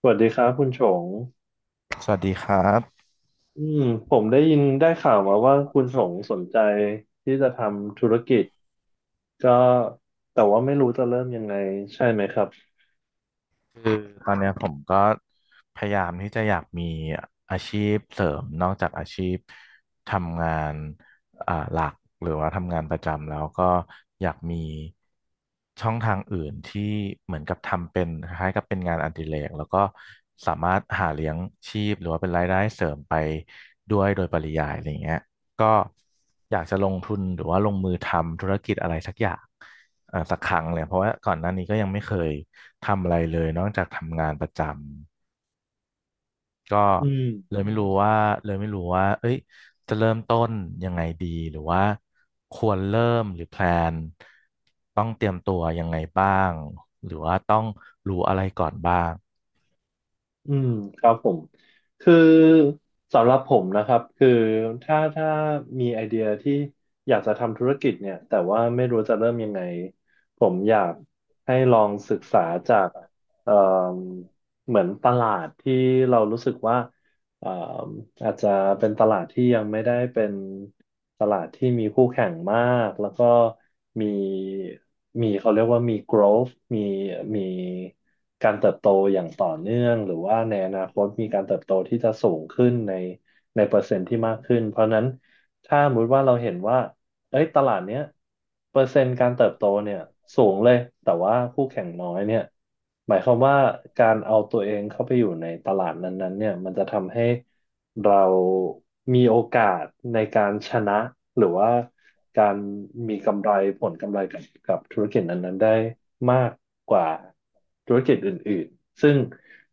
สวัสดีครับคุณชงสวัสดีครับอืมผมได้ยินได้ข่าวมาว่าคุณชงสนใจที่จะทำธุรกิจก็แต่ว่าไม่รู้จะเริ่มยังไงใช่ไหมครับตอนเนี้ยผมก็พยายามที่จะอยากมีอาชีพเสริมนอกจากอาชีพทำงานหลักหรือว่าทำงานประจำแล้วก็อยากมีช่องทางอื่นที่เหมือนกับทำเป็นคล้ายๆกับเป็นงานอดิเรกแล้วก็สามารถหาเลี้ยงชีพหรือว่าเป็นรายได้เสริมไปด้วยโดยปริยายอะไรอย่างเงี้ยก็อยากจะลงทุนหรือว่าลงมือทำธุรกิจอะไรสักอย่าง สักครั้งเลยเพราะว่าก่อนหน้านี้ก็ยังไม่เคยทำอะไรเลยนอกจากทำงานประจำก็อืมเลยไม่รู้ว่าเลยไม่รู้ว่าเอ้ยจะเริ่มต้นยังไงดีหรือว่าควรเริ่มหรือแพลนต้องเตรียมตัวยังไงบ้างหรือว่าต้องรู้อะไรก่อนบ้าง อืมครับผมคือสำหรับผมนะครับถ้ามีไอเดียที่อยากจะทำธุรกิจเนี่ยแต่ว่าไม่รู้จะเริ่มยังไงผมอยากให้ลองศึกษาจากเอ่อเหมือนตลาดที่เรารู้สึกว่า อ่าอาจจะเป็นตลาดที่ยังไม่ได้เป็นตลาดที่มีคู่แข่งมากแล้วก็มีมีเขาเรียกว่ามี growth มีมีการเติบโตอย่างต่อเนื่องหรือว่าในอนาคตมีการเติบโตที่จะสูงขึ้นในเปอร์เซ็นต์ที่มากขึ้นเพราะฉะนั้น ถ้าสมมติว่าเราเห็นว่าเอ้ยตลาดเนี้ยเปอร์เซ็นต์การเติบโตเนี่ยสูงเลยแต่ว่าคู่แข่งน้อยเนี่ยหมายความว่าการเอาตัวเองเข้าไปอยู่ในตลาดนั้นๆเนี่ยมันจะทำให้เรามีโอกาสในการชนะหรือว่าการมีกำไรผลกำไรกับธุรกิจนั้นๆได้มากกว่าธุรกิจอื่นๆซึ่ง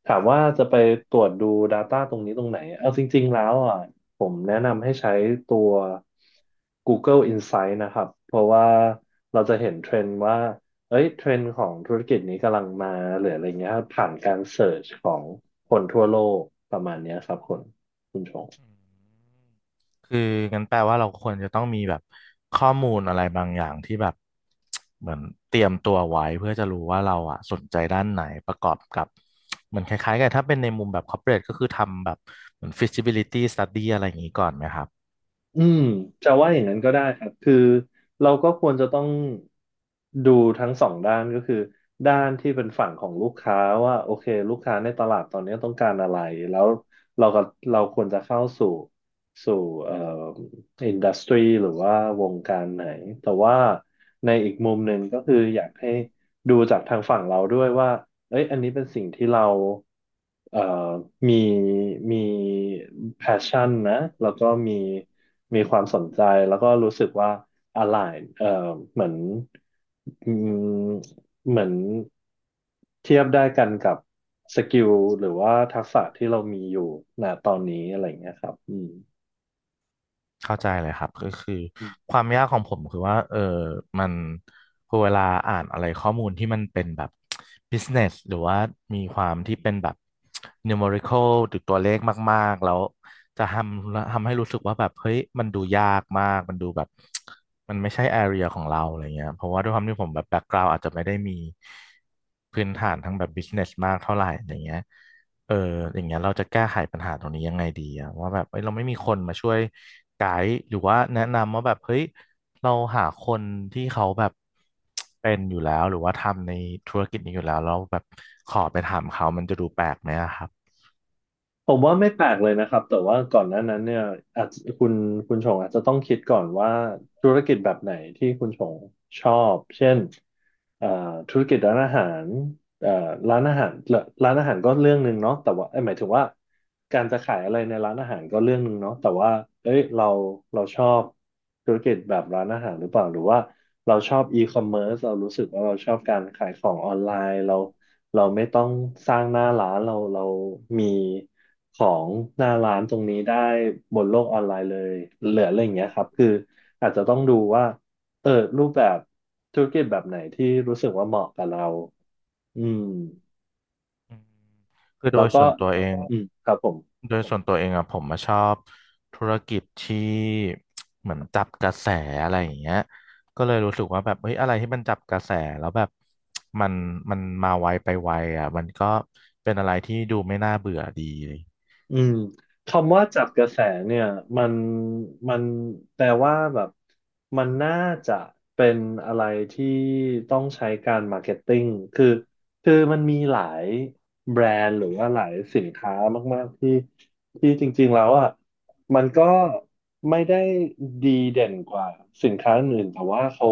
ถามว่าจะไปตรวจดู Data ตรงนี้ตรงไหนเอาจริงๆแล้วอ่ะ ผมแนะนำให้ใช้ตัว Google Insight นะครับ เพราะว่าเราจะเห็นเทรนด์ว่าเอ้ยเทรนด์ของธุรกิจนี้กำลังมาหรืออะไรเงี้ยครับผ่านการเสิร์ชของคนทั่วโลกประมาณเนี้ยครับคุณชง อืมคืองั้นแปลว่าเราควรจะต้องมีแบบข้อมูลอะไรบางอย่างที่แบบ เหมือนเตรียมตัวไว้เพื่อจะรู้ว่าเราอ่ะสนใจด้านไหนประกอบกับเหมือนคล้ายๆกันถ้าเป็นในมุมแบบ corporate ก็คือทำแบบเหมือน feasibility study อะไรอย่างนี้ก่อนไหมครับ อืมจะว่าอย่างนั้นก็ได้ครับคือเราก็ควรจะต้องดูทั้งสองด้านก็คือด้านที่เป็นฝั่งของลูกค้าว่าโอเคลูกค้าในตลาดตอนนี้ต้องการอะไรแล้วเราก็เราควรจะเข้าสู่เอ่ออินดัสทรีหรือว่าวงการไหนแต่ว่าในอีกมุมหนึ่งก็คืออยากให้ดูจากทางฝั่งเราด้วยว่า เอ้ยอันนี้เป็นสิ่งที่เราเอ่อมีมีแพชชั่นนะแล้วก็มีความสนใจแล้วก็รู้สึกว่า align เหมือนอืมเหมือนเทียบได้กันกับสกิลหรือว่าทักษะที่เรามีอยู่ณตอนนี้อะไรอย่างเงี้ยครับเข้าใจเลยครับก็คืออืม ความยากของผมคือว่าเออมันพอเวลาอ่านอะไรข้อมูลที่มันเป็นแบบ business หรือว่ามีความที่เป็นแบบ numerical หรือตัวเลขมากๆแล้วจะทำให้รู้สึกว่าแบบเฮ้ยมันดูยากมากมันดูแบบมันไม่ใช่ area ของเราอะไรเงี้ยเพราะว่าด้วยความที่ผมแบบ background อาจจะไม่ได้มีพื้นฐานทั้งแบบ business มากเท่าไหร่อะไรเงี้ย เอออย่างเงี้ยเราจะแก้ไขปัญหาตรงนี้ยังไงดีอะว่าแบบเอ้ยเราไม่มีคนมาช่วยไกด์หรือว่าแนะนำว่าแบบเฮ้ยเราหาคนที่เขาแบบเป็นอยู่แล้วหรือว่าทำในธุรกิจนี้อยู่แล้วเราแล้วแบบขอไปถามเขามันจะดูแปลกไหมอะครับผมว่าไม่แปลกเลยนะครับแต่ว่าก่อนหน้านั้นเนี่ยอาจคุณคุณชงอาจจะต้องคิดก่อนว่าธุรกิจแบบไหนที่คุณชงชอบเช่นเอ่อธุรกิจร้านอาหาร เอ่อร้านอาหารร้านอาหารก็เรื่องหนึ่งเนาะแต่ว่าเอ้ยหมายถึงว่าการจะขายอะไรในร้านอาหารก็เรื่องหนึ่งเนาะแต่ว่าเอ้ยเราชอบธุรกิจแบบร้านอาหารหรือเปล่าหรือว่าเราชอบอีคอมเมิร์ซเรารู้สึกว่าเราชอบการขายของออนไลน์เราไม่ต้องสร้างหน้าร้านเรามีของหน้าร้านตรงนี้ได้บนโลกออนไลน์เลยเหลืออะไรอย่างเงี้ยครับอาจจะต้องดูว่าเออรูปแบบธุรกิจแบบไหนที่รู้สึกว่าเหมาะกับเรา อืมอืมคือโดแล้วยก็ส่วนตัวเอง ครับผมโดยส่วนตัวเองอะผมมาชอบธุรกิจที่เหมือนจับกระแสอะไรอย่างเงี้ยก็เลยรู้สึกว่าแบบเฮ้ยอะไรที่มันจับกระแสแล้วแบบ มันมันมาไวไปไวอะมันก็เป็นอะไรที่ดูไม่น่าเบื่อดีอืมคำว่าจับกระแสเนี่ยมันมันแปลว่าแบบมันน่าจะเป็นอะไรที่ต้องใช้การมาร์เก็ตติ้งคือคือมันมีหลายแบรนด์หรือว่าหลายสินค้ามากๆที่ที่จริงๆแล้วอ่ะ มันก็ไม่ได้ดีเด่นกว่าสินค้าอื่นแต่ว่าเขา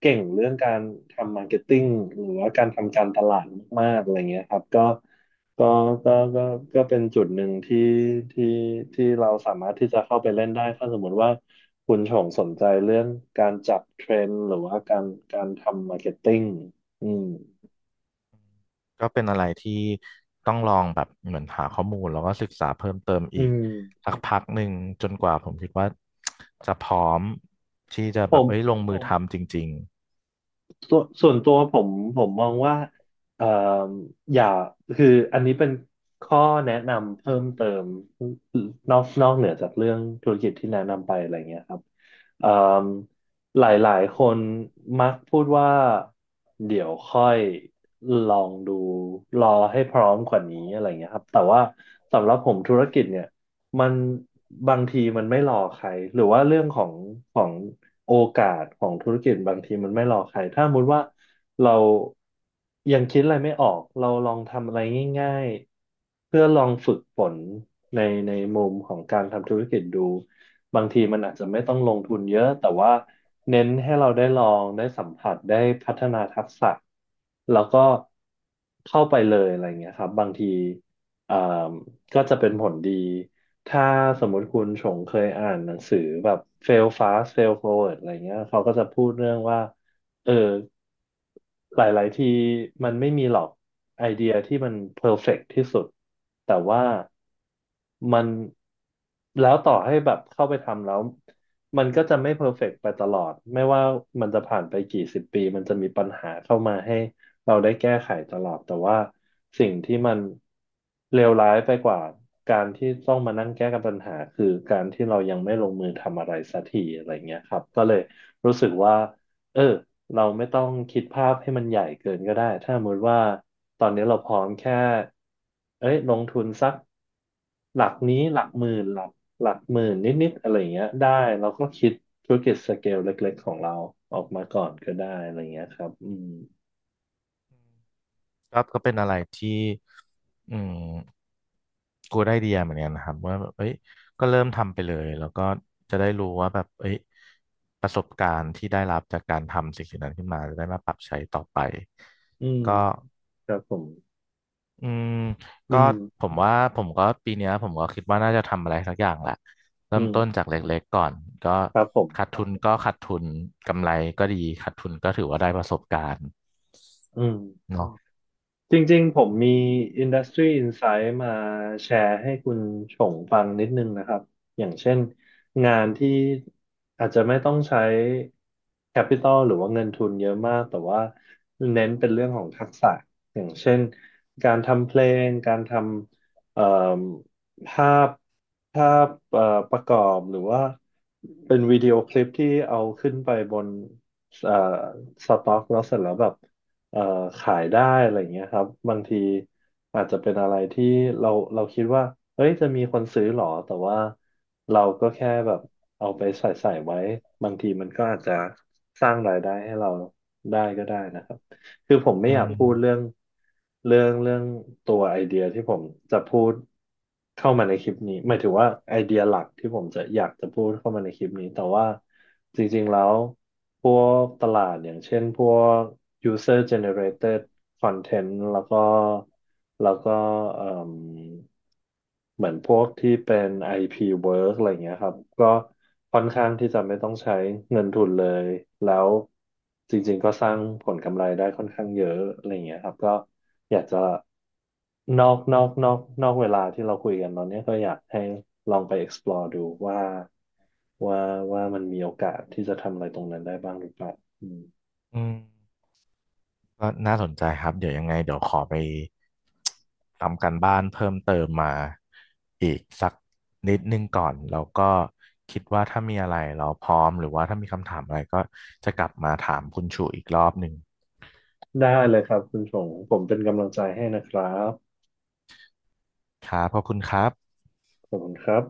เก่งเรื่องการทำมาร์เก็ตติ้งหรือว่าการทำการตลาดมากๆอะไรเงี้ยครับก็ก็ก็ก็เป็นจุดหนึ่งที่ที่ที่เราสามารถที่จะเข้าไปเล่นได้ถ้าสมมติว่าคุณชงสนใจเรื่องการจับเทรนด์หรือว่าการทำมาร์เก็ตติ้งอืมก็เป็นอะไรที่ต้องลองแบบเหมือนหาข้อมูลแล้วก็ศึกษาเพิ่มเติมอือีกมสักพักหนึ่งจนกว่าผมคิดว่าจะพร้อมที่จะผแบบม เอ้ยลงมือทำจริงๆ ส่วนตัวผมผมมองว่าเอ่ออย่าคืออันนี้เป็นข้อแนะนำเพิ่มเติมนอกเหนือจากเรื่องธุรกิจที่แนะนำไปอะไรเงี้ยครับเอ่อหลายๆคนมักพูดว่าเดี๋ยวค่อยลองดูรอให้พร้อมกว่านี้อะไรเงี้ยครับแต่ว่าสำหรับผมธุรกิจเนี่ย มันบางทีมันไม่รอใครหรือว่าเรื่องของโอกาสของธุรกิจบางทีมันไม่รอใครถ้าสมมติว่าเรายังคิดอะไรไม่ออกเราลองทำอะไรง่ายๆเพื่อลองฝึกฝนในในมุมของการทำธุรกิจดูบางทีมันอาจจะไม่ต้องลงทุนเยอะแต่ว่าเน้นให้เราได้ลองได้สัมผัสได้พัฒนาทักษะแล้วก็เข้าไปเลยอะไรเงี้ยครับบางทีเอ่อ ก็จะเป็นผลดี ถ้าสมมติคุณชงเคยอ่านหนังสือแบบ fail fast fail forward อะไรเงี้ยเขาก็จะพูดเรื่องว่า เออ หลายๆทีมันไม่มีหรอกไอเดียที่มันเพอร์เฟกต์ที่สุด แต่ว่ามันแล้วต่อให้แบบเข้าไปทำแล้วมันก็จะไม่เพอร์เฟกต์ไปตลอด ไม่ว่ามันจะผ่านไปกี่สิบปีมันจะมีปัญหาเข้ามาให้ เราได้แก้ไขตลอดแต่ว่าสิ่งที่มันเลวร้ายไปกว่าการที่ต้องมานั่งแก้กับปัญหาคือการที่เรายังไม่ลงมือทำอะไรสักทีอะไรเงี้ยครับก็เลยรู้สึกว่าเออเราไม่ต้องคิดภาพให้มันใหญ่เกินก็ได้ถ้าสมมติว่าตอนนี้เราพร้อมแค่เอ้ยลงทุนสักหลักนี้หลักหมื่นหลักหมื่นนิดๆอะไรเงี้ยได้เราก็คิดธุรกิจสเกลเล็กๆของเราออกมาก่อนก็ได้อะไรเงี้ยครับอืมก็เป็นอะไรที่อืมกูได้ไอเดียเหมือนกันนะครับว่าแบบเอ้ยก็เริ่มทำไปเลยแล้วก็จะได้รู้ว่าแบบเอ้ยประสบการณ์ที่ได้รับจากการทำสิ่งนั้นขึ้นมาจะได้มาปรับใช้ต่อไปอืม ก็ครับผมอืมอืก็ม ผมว่าผมก็ปีเนี้ยผมก็คิดว่าน่าจะทำอะไรสักอย่างแหละอืเริ่มต้นจามกเล็กๆก่อนก็ครับผขาดมทุนก็ขาดทุนกำไรก็ดีขาดทุนก็ถือว่าได้ประสบการณ์อืม เนาะจริงๆผมมี Industry Insight มาแชร์ให้คุณชงฟังนิดนึงนะครับอย่างเช่นงานที่อาจจะไม่ต้องใช้ Capital หรือว่าเงินทุนเยอะมากแต่ว่าเน้นเป็นเรื่องของทักษะอย่างเช่นการทำเพลงการทำภาพภาพประกอบหรือว่าเป็นวิดีโอคลิปที่เอาขึ้นไปบนเอ่อสต็อกแล้วเสร็จแล้วแบบ เอ่อขายได้อะไรอย่างเงี้ยครับบางทีอาจจะเป็นอะไรที่เราเราคิดว่าเฮ้ยจะมีคนซื้อหรอแต่ว่าเราก็แค่แบบเอาไปใส่ใส่ไว้บางทีมันก็อาจจะสร้างรายได้ให้เราได้ก็ได้นะครับ คือผมไม่อือยากพูดเรื่อมงเรื่องเรื่องตัวไอเดียที่ผมจะพูดเข้ามาในคลิปนี้หมายถึงว่าไอเดียหลักที่ผมจะอยากจะพูดเข้ามาในคลิปนี้แต่ว่าจริงๆแล้วพวกตลาดอย่างเช่นพวก user generated content แล้วก็แล้วก็เอ่ม เหมือนพวกที่เป็น IP work อะไรเงี้ยครับก็ค่อนข้างที่จะไม่ต้องใช้เงินทุนเลยแล้วจริงๆก็สร้างผลกำไรได้ค่อนข้างเยอะอะไรเงี้ยครับก็อยากจะนอกนอกนอกนอกเวลาที่เราคุยกันตอนเนี้ยก็อยากให้ลองไป explore ดูว่าว่าว่ามันมีโอกาสที่จะทำอะไรตรงนั้นได้บ้างหรือเปล่าอืมอืม ก็น่าสนใจครับเดี๋ยวยังไงเดี๋ยวขอไปทำการบ้านเพิ่มเติมมาอีกสักนิดนึงก่อนแล้วก็คิดว่าถ้ามีอะไรเราพร้อมหรือว่าถ้ามีคำถามอะไรก็จะกลับมาถามคุณชูอีกรอบหนึ่งได้เลยครับคุณชงผมเป็นกำลังใจให้นะครับครับขอบคุณครับขอบคุณครับ